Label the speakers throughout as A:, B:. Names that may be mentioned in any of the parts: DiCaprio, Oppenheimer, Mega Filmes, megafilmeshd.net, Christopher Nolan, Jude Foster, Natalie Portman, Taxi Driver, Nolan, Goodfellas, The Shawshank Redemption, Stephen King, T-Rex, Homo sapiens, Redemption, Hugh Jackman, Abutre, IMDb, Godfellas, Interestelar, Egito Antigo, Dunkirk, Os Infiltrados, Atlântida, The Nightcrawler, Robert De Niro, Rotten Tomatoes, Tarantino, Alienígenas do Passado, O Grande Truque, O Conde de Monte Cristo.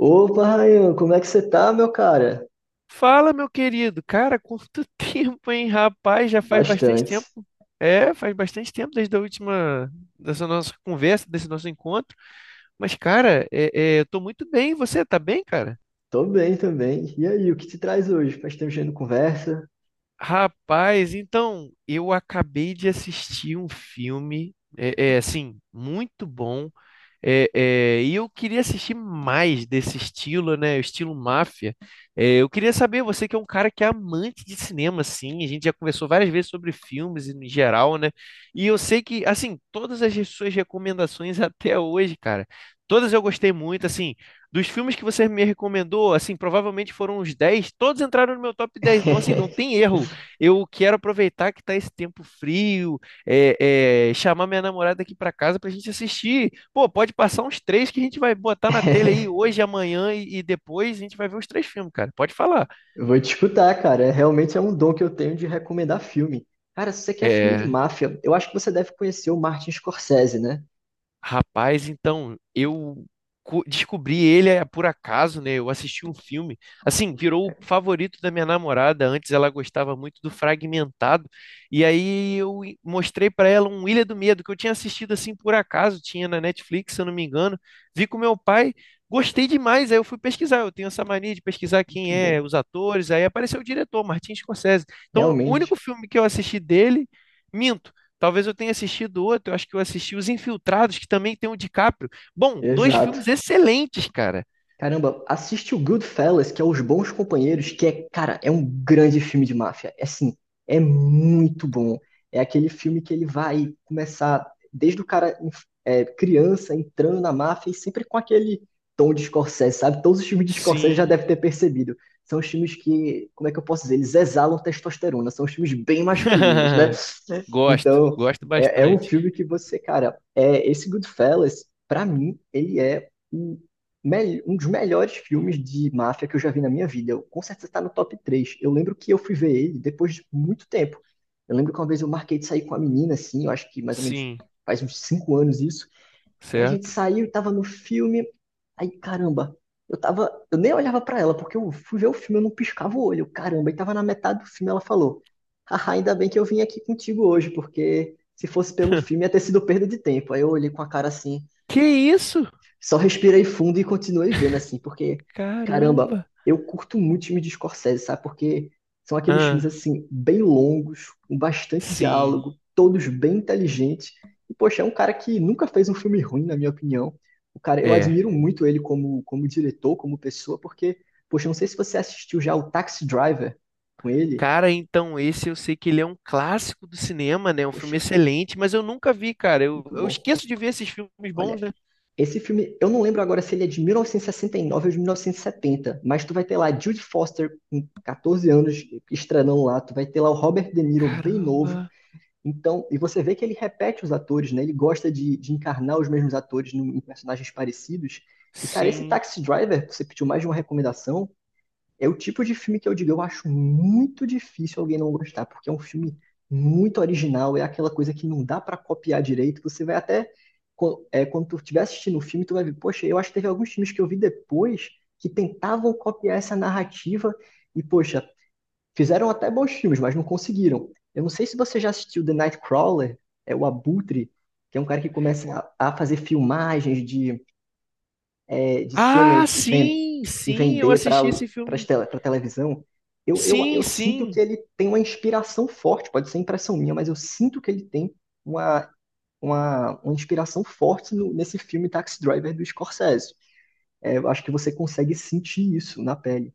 A: Opa, Rayan, como é que você tá, meu cara?
B: Fala, meu querido. Cara, quanto tempo, hein, rapaz? Já faz bastante tempo.
A: Bastante.
B: É, faz bastante tempo desde a última, dessa nossa conversa, desse nosso encontro. Mas, cara, eu tô muito bem. E você tá bem, cara?
A: Tô bem também. E aí, o que te traz hoje? Faz tempo que a gente não conversa.
B: Rapaz, então, eu acabei de assistir um filme, assim, muito bom. E eu queria assistir mais desse estilo, né? O estilo máfia. Eu queria saber, você que é um cara que é amante de cinema, assim, a gente já conversou várias vezes sobre filmes em geral, né? E eu sei que, assim, todas as suas recomendações até hoje, cara, todas eu gostei muito, assim, dos filmes que você me recomendou, assim, provavelmente foram uns 10, todos entraram no meu top 10. Então, assim, não tem erro. Eu quero aproveitar que tá esse tempo frio, chamar minha namorada aqui para casa pra gente assistir. Pô, pode passar uns três que a gente vai botar na telha aí hoje, amanhã e depois a gente vai ver os três filmes, cara. Pode falar.
A: Eu vou te escutar, cara. É, realmente é um dom que eu tenho de recomendar filme. Cara, se você quer filme de
B: É,
A: máfia, eu acho que você deve conhecer o Martin Scorsese, né?
B: Rapaz, então eu descobri ele por acaso, né? Eu assisti um filme, assim, virou o favorito da minha namorada. Antes ela gostava muito do Fragmentado, e aí eu mostrei pra ela um Ilha do Medo que eu tinha assistido assim por acaso, tinha na Netflix, se eu não me engano. Vi com meu pai, gostei demais. Aí eu fui pesquisar. Eu tenho essa mania de pesquisar
A: Muito
B: quem é
A: bom.
B: os atores. Aí apareceu o diretor, Martin Scorsese. Então, o único
A: Realmente.
B: filme que eu assisti dele, minto. Talvez eu tenha assistido outro, eu acho que eu assisti Os Infiltrados, que também tem o DiCaprio. Bom, dois
A: Exato.
B: filmes excelentes, cara.
A: Caramba, assiste o Goodfellas, que é Os Bons Companheiros, que é, cara, é um grande filme de máfia. É assim, é muito bom. É aquele filme que ele vai começar desde o cara criança entrando na máfia e sempre com aquele tom de Scorsese, sabe? Todos os filmes de Scorsese já
B: Sim.
A: deve ter percebido. São os filmes que, como é que eu posso dizer? Eles exalam testosterona, são os filmes bem masculinos, né?
B: Gosto,
A: Então,
B: gosto
A: é um
B: bastante.
A: filme que você, cara, esse Goodfellas, pra mim, ele é um dos melhores filmes de máfia que eu já vi na minha vida. Eu, com certeza está no top 3. Eu lembro que eu fui ver ele depois de muito tempo. Eu lembro que uma vez eu marquei de sair com a menina, assim, eu acho que mais ou menos
B: Sim,
A: faz uns 5 anos isso. Aí a gente
B: certo?
A: saiu, tava no filme. Aí, caramba, eu tava. Eu nem olhava pra ela, porque eu fui ver o filme, eu não piscava o olho. Caramba, e tava na metade do filme, ela falou. Haha, ainda bem que eu vim aqui contigo hoje, porque se fosse pelo filme ia ter sido perda de tempo. Aí eu olhei com a cara assim,
B: Que isso?
A: só respirei fundo e continuei vendo, assim, porque, caramba,
B: Caramba.
A: eu curto muito filme de Scorsese, sabe? Porque são aqueles filmes,
B: Ah,
A: assim, bem longos, com bastante
B: sim,
A: diálogo, todos bem inteligentes. E, poxa, é um cara que nunca fez um filme ruim, na minha opinião. O cara, eu
B: é.
A: admiro muito ele como, como diretor, como pessoa, porque, poxa, eu não sei se você assistiu já o Taxi Driver com ele.
B: Cara, então esse eu sei que ele é um clássico do cinema, né? Um
A: Poxa,
B: filme excelente, mas eu nunca vi, cara. Eu,
A: muito
B: eu
A: bom.
B: esqueço de ver esses filmes bons,
A: Olha,
B: né?
A: esse filme, eu não lembro agora se ele é de 1969 ou de 1970, mas tu vai ter lá Jude Foster com 14 anos estranão lá, tu vai ter lá o Robert De Niro bem
B: Caramba,
A: novo. Então, e você vê que ele repete os atores, né? Ele gosta de encarnar os mesmos atores em personagens parecidos. E, cara, esse
B: sim.
A: Taxi Driver, você pediu mais de uma recomendação, é o tipo de filme que eu digo, eu acho muito difícil alguém não gostar, porque é um filme muito original, é aquela coisa que não dá pra copiar direito. Você vai até, quando tu estiver assistindo o filme, tu vai ver, poxa, eu acho que teve alguns filmes que eu vi depois que tentavam copiar essa narrativa e, poxa, fizeram até bons filmes, mas não conseguiram. Eu não sei se você já assistiu The Nightcrawler, é o Abutre, que é um cara que começa a fazer filmagens de é, de
B: Ah,
A: cenas e,
B: sim,
A: e
B: sim, eu
A: vender
B: assisti
A: para
B: esse
A: para
B: filme.
A: televisão, eu, eu,
B: Sim,
A: eu sinto que
B: sim,
A: ele tem uma inspiração forte, pode ser impressão minha, mas eu sinto que ele tem uma, uma inspiração forte nesse filme Taxi Driver do Scorsese. É, eu acho que você consegue sentir isso na pele.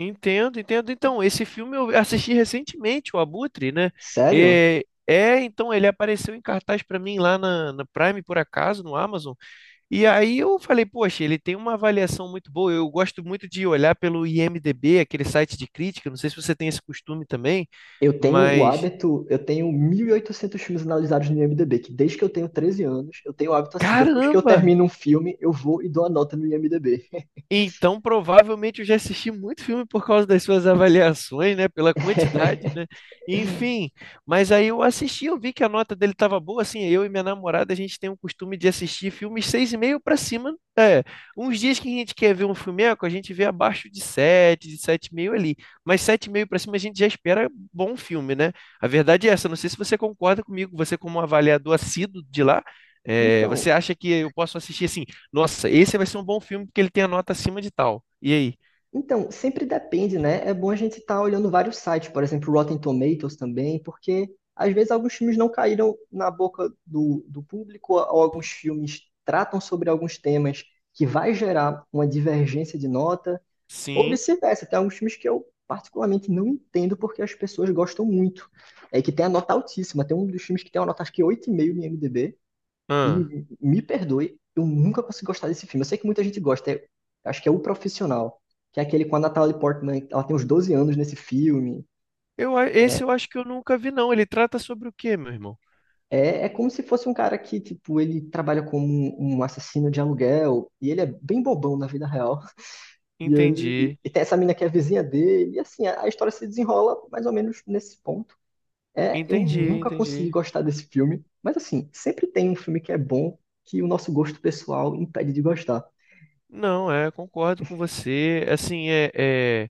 B: entendo, entendo. Então, esse filme eu assisti recentemente, o Abutre, né?
A: Sério?
B: Então ele apareceu em cartaz para mim lá na Prime, por acaso, no Amazon. E aí eu falei, poxa, ele tem uma avaliação muito boa. Eu gosto muito de olhar pelo IMDb, aquele site de crítica. Não sei se você tem esse costume também,
A: Eu tenho o
B: mas
A: hábito, eu tenho 1.800 filmes analisados no IMDb, que desde que eu tenho 13 anos, eu tenho o hábito assim, depois que eu
B: caramba!
A: termino um filme, eu vou e dou a nota no IMDb.
B: Então, provavelmente eu já assisti muito filme por causa das suas avaliações, né? Pela quantidade, né? Enfim, mas aí eu assisti, eu vi que a nota dele estava boa, assim, eu e minha namorada, a gente tem o costume de assistir filmes seis e meio para cima, uns dias que a gente quer ver um filmeco, a gente vê abaixo de sete e meio ali, mas sete e meio para cima a gente já espera bom filme, né? A verdade é essa, não sei se você concorda comigo, você como um avaliador assíduo de lá, você
A: Então,
B: acha que eu posso assistir assim? Nossa, esse vai ser um bom filme porque ele tem a nota acima de tal. E aí?
A: Então, sempre depende, né? É bom a gente estar olhando vários sites, por exemplo, Rotten Tomatoes também, porque às vezes alguns filmes não caíram na boca do público, ou alguns filmes tratam sobre alguns temas que vai gerar uma divergência de nota, ou
B: Sim.
A: vice-versa. Tem alguns filmes que eu particularmente não entendo porque as pessoas gostam muito. É que tem a nota altíssima. Tem um dos filmes que tem uma nota acho que 8,5 no IMDb,
B: Ah.
A: e me perdoe, eu nunca consegui gostar desse filme. Eu sei que muita gente gosta, acho que é O Profissional, que é aquele com a Natalie Portman, ela tem uns 12 anos nesse filme.
B: Esse
A: É,
B: eu acho que eu nunca vi, não. Ele trata sobre o quê, meu irmão?
A: é como se fosse um cara que, tipo, ele trabalha como um assassino de aluguel, e ele é bem bobão na vida real. E ele
B: Entendi,
A: e tem essa mina que é a vizinha dele, e assim, a história se desenrola mais ou menos nesse ponto. É, eu
B: entendi,
A: nunca consegui
B: entendi.
A: gostar desse filme, mas assim, sempre tem um filme que é bom que o nosso gosto pessoal impede de gostar.
B: Não, concordo com você. Assim, é... é-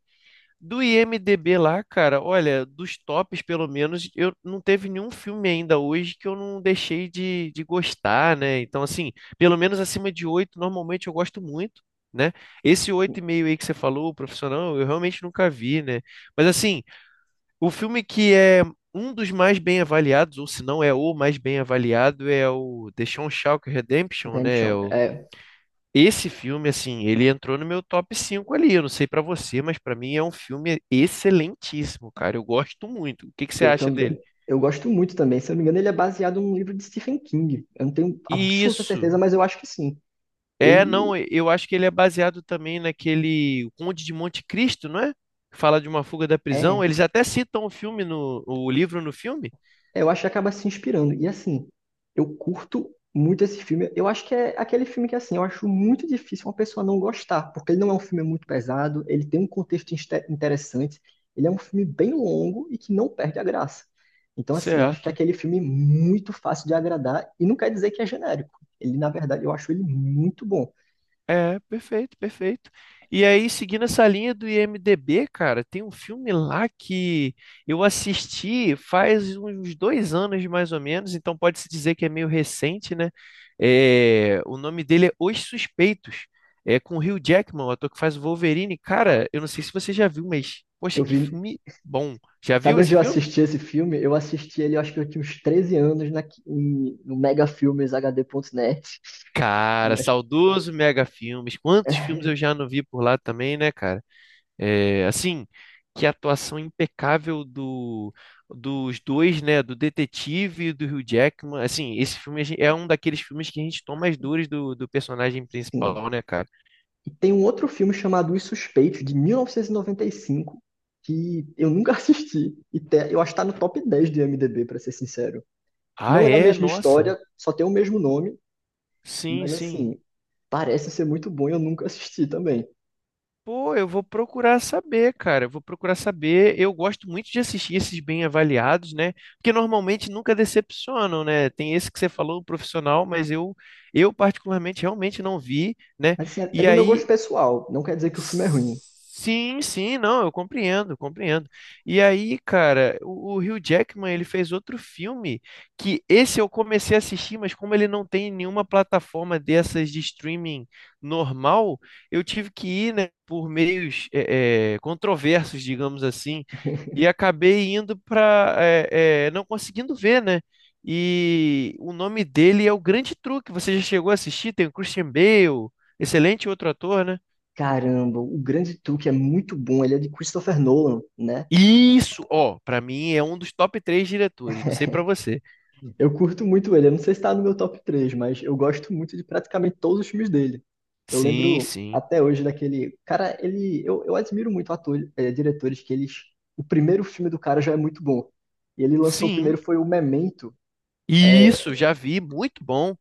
B: Do IMDB lá, cara, olha, dos tops pelo menos, eu não teve nenhum filme ainda hoje que eu não deixei de gostar, né? Então, assim, pelo menos acima de oito, normalmente eu gosto muito, né? Esse oito e meio aí que você falou, o profissional, eu realmente nunca vi, né? Mas, assim, o filme que é um dos mais bem avaliados, ou se não é o mais bem avaliado, é o The Shawshank Redemption, né?
A: Redemption. É,
B: Esse filme, assim, ele entrou no meu top 5 ali. Eu não sei pra você, mas pra mim é um filme excelentíssimo, cara. Eu gosto muito. O que que você
A: eu
B: acha dele?
A: também. Eu gosto muito também. Se eu não me engano, ele é baseado num livro de Stephen King. Eu não tenho absoluta certeza,
B: Isso.
A: mas eu acho que sim.
B: É, não,
A: Ele
B: eu acho que ele é baseado também naquele O Conde de Monte Cristo, não é? Que fala de uma fuga da prisão.
A: é.
B: Eles até citam o filme o livro no filme.
A: Eu acho que acaba se inspirando. E assim, eu curto muito esse filme. Eu acho que é aquele filme que, assim, eu acho muito difícil uma pessoa não gostar, porque ele não é um filme muito pesado, ele tem um contexto interessante, ele é um filme bem longo e que não perde a graça. Então, assim, eu acho que é
B: Certo.
A: aquele filme muito fácil de agradar, e não quer dizer que é genérico. Ele, na verdade, eu acho ele muito bom.
B: É, perfeito, perfeito. E aí, seguindo essa linha do IMDB, cara, tem um filme lá que eu assisti faz uns 2 anos mais ou menos, então pode-se dizer que é meio recente, né? O nome dele é Os Suspeitos, é com o Hugh Jackman, o ator que faz o Wolverine. Cara, eu não sei se você já viu, mas poxa,
A: Eu
B: que
A: vi.
B: filme bom. Já viu
A: Sabe onde
B: esse
A: eu
B: filme?
A: assisti esse filme? Eu assisti ele, eu acho que eu tinha uns 13 anos no megafilmeshd.net.
B: Cara,
A: Né?
B: saudoso Mega Filmes. Quantos filmes eu já não vi por lá também, né, cara? É, assim, que a atuação impecável dos dois, né? Do detetive e do Hugh Jackman. Assim, esse filme é um daqueles filmes que a gente toma as dores do personagem
A: Sim.
B: principal, né, cara?
A: E tem um outro filme chamado Os Suspeitos, de 1995, que eu nunca assisti. Eu acho que tá no top 10 do IMDb, pra ser sincero.
B: Ah,
A: Não é a
B: é?
A: mesma
B: Nossa.
A: história, só tem o mesmo nome,
B: Sim,
A: mas
B: sim.
A: assim, parece ser muito bom e eu nunca assisti também.
B: Pô, eu vou procurar saber, cara. Eu vou procurar saber. Eu gosto muito de assistir esses bem avaliados, né? Porque normalmente nunca decepcionam, né? Tem esse que você falou, o profissional, mas eu particularmente realmente não vi, né?
A: Mas assim, é é
B: E
A: do meu gosto
B: aí.
A: pessoal, não quer dizer que o filme é ruim.
B: Sim, sim, não, eu compreendo, compreendo. E aí, cara, o Hugh Jackman, ele fez outro filme que esse eu comecei a assistir, mas como ele não tem nenhuma plataforma dessas de streaming normal, eu tive que ir, né, por meios controversos, digamos assim, e acabei indo para não conseguindo ver, né? E o nome dele é O Grande Truque. Você já chegou a assistir? Tem o Christian Bale, excelente outro ator, né?
A: Caramba, o Grande Truque é muito bom, ele é de Christopher Nolan, né?
B: Isso, ó, pra mim é um dos top três diretores, não sei pra você.
A: Eu curto muito ele, eu não sei se tá no meu top 3, mas eu gosto muito de praticamente todos os filmes dele. Eu
B: Sim,
A: lembro
B: sim.
A: até hoje daquele. Cara, ele. Eu admiro muito atores, diretores que eles. O primeiro filme do cara já é muito bom. E ele lançou o primeiro
B: Sim.
A: foi o Memento. Eh,
B: Isso, já vi, muito bom.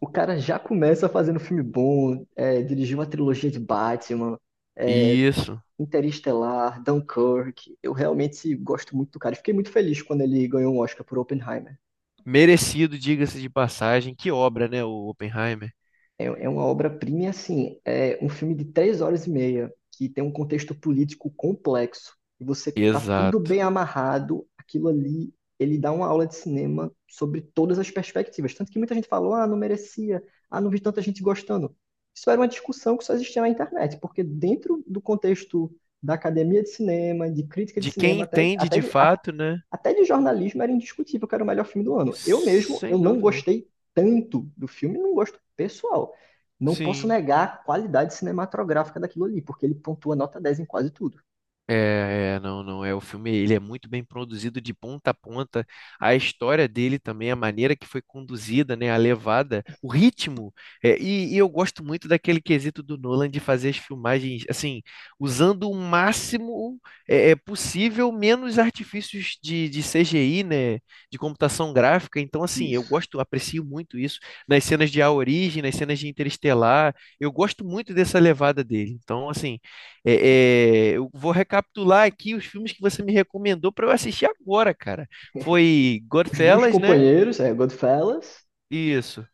A: o cara já começa fazendo filme bom, dirigiu uma trilogia de Batman,
B: Isso.
A: Interestelar, Dunkirk. Eu realmente gosto muito do cara. E fiquei muito feliz quando ele ganhou um Oscar por Oppenheimer.
B: Merecido, diga-se de passagem. Que obra, né, o Oppenheimer?
A: É, é uma obra-prima, e, assim, é um filme de 3 horas e meia, que tem um contexto político complexo, e você tá tudo
B: Exato.
A: bem amarrado, aquilo ali, ele dá uma aula de cinema sobre todas as perspectivas. Tanto que muita gente falou, ah, não merecia, ah, não vi tanta gente gostando. Isso era uma discussão que só existia na internet, porque dentro do contexto da academia de cinema, de crítica de
B: De quem
A: cinema, até,
B: entende de
A: até,
B: fato, né?
A: até de jornalismo era indiscutível que era o melhor filme do ano. Eu mesmo, eu
B: Sem
A: não
B: dúvida.
A: gostei tanto do filme, não gosto pessoal. Não posso
B: Sim.
A: negar a qualidade cinematográfica daquilo ali, porque ele pontua nota 10 em quase tudo.
B: Não, não é. O filme, ele é muito bem produzido de ponta a ponta. A história dele também, a maneira que foi conduzida, né, a levada, o ritmo. E eu gosto muito daquele quesito do Nolan de fazer as filmagens, assim, usando o máximo possível, menos artifícios de CGI, né, de computação gráfica. Então, assim, eu
A: Isso.
B: gosto, aprecio muito isso nas cenas de A Origem, nas cenas de Interestelar. Eu gosto muito dessa levada dele. Então, assim. É, eu vou recapitular aqui os filmes que você me recomendou para eu assistir agora, cara. Foi
A: Os Bons
B: Godfellas, né?
A: Companheiros, é Goodfellas
B: Isso.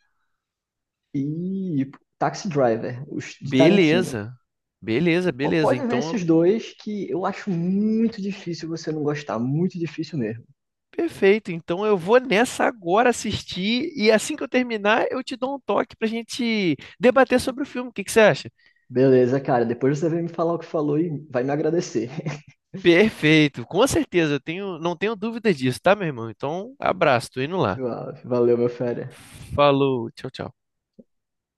A: e Taxi Driver, os de Tarantino.
B: Beleza. Beleza,
A: Pô,
B: beleza.
A: pode ver
B: Então,
A: esses dois que eu acho muito difícil você não gostar, muito difícil mesmo.
B: perfeito. Então eu vou nessa agora assistir e assim que eu terminar, eu te dou um toque pra gente debater sobre o filme. O que que você acha?
A: Beleza, cara, depois você vem me falar o que falou e vai me agradecer.
B: Perfeito. Com certeza, não tenho dúvidas disso, tá, meu irmão? Então, abraço, tô indo lá.
A: Suave. Valeu, meu fera.
B: Falou, tchau, tchau.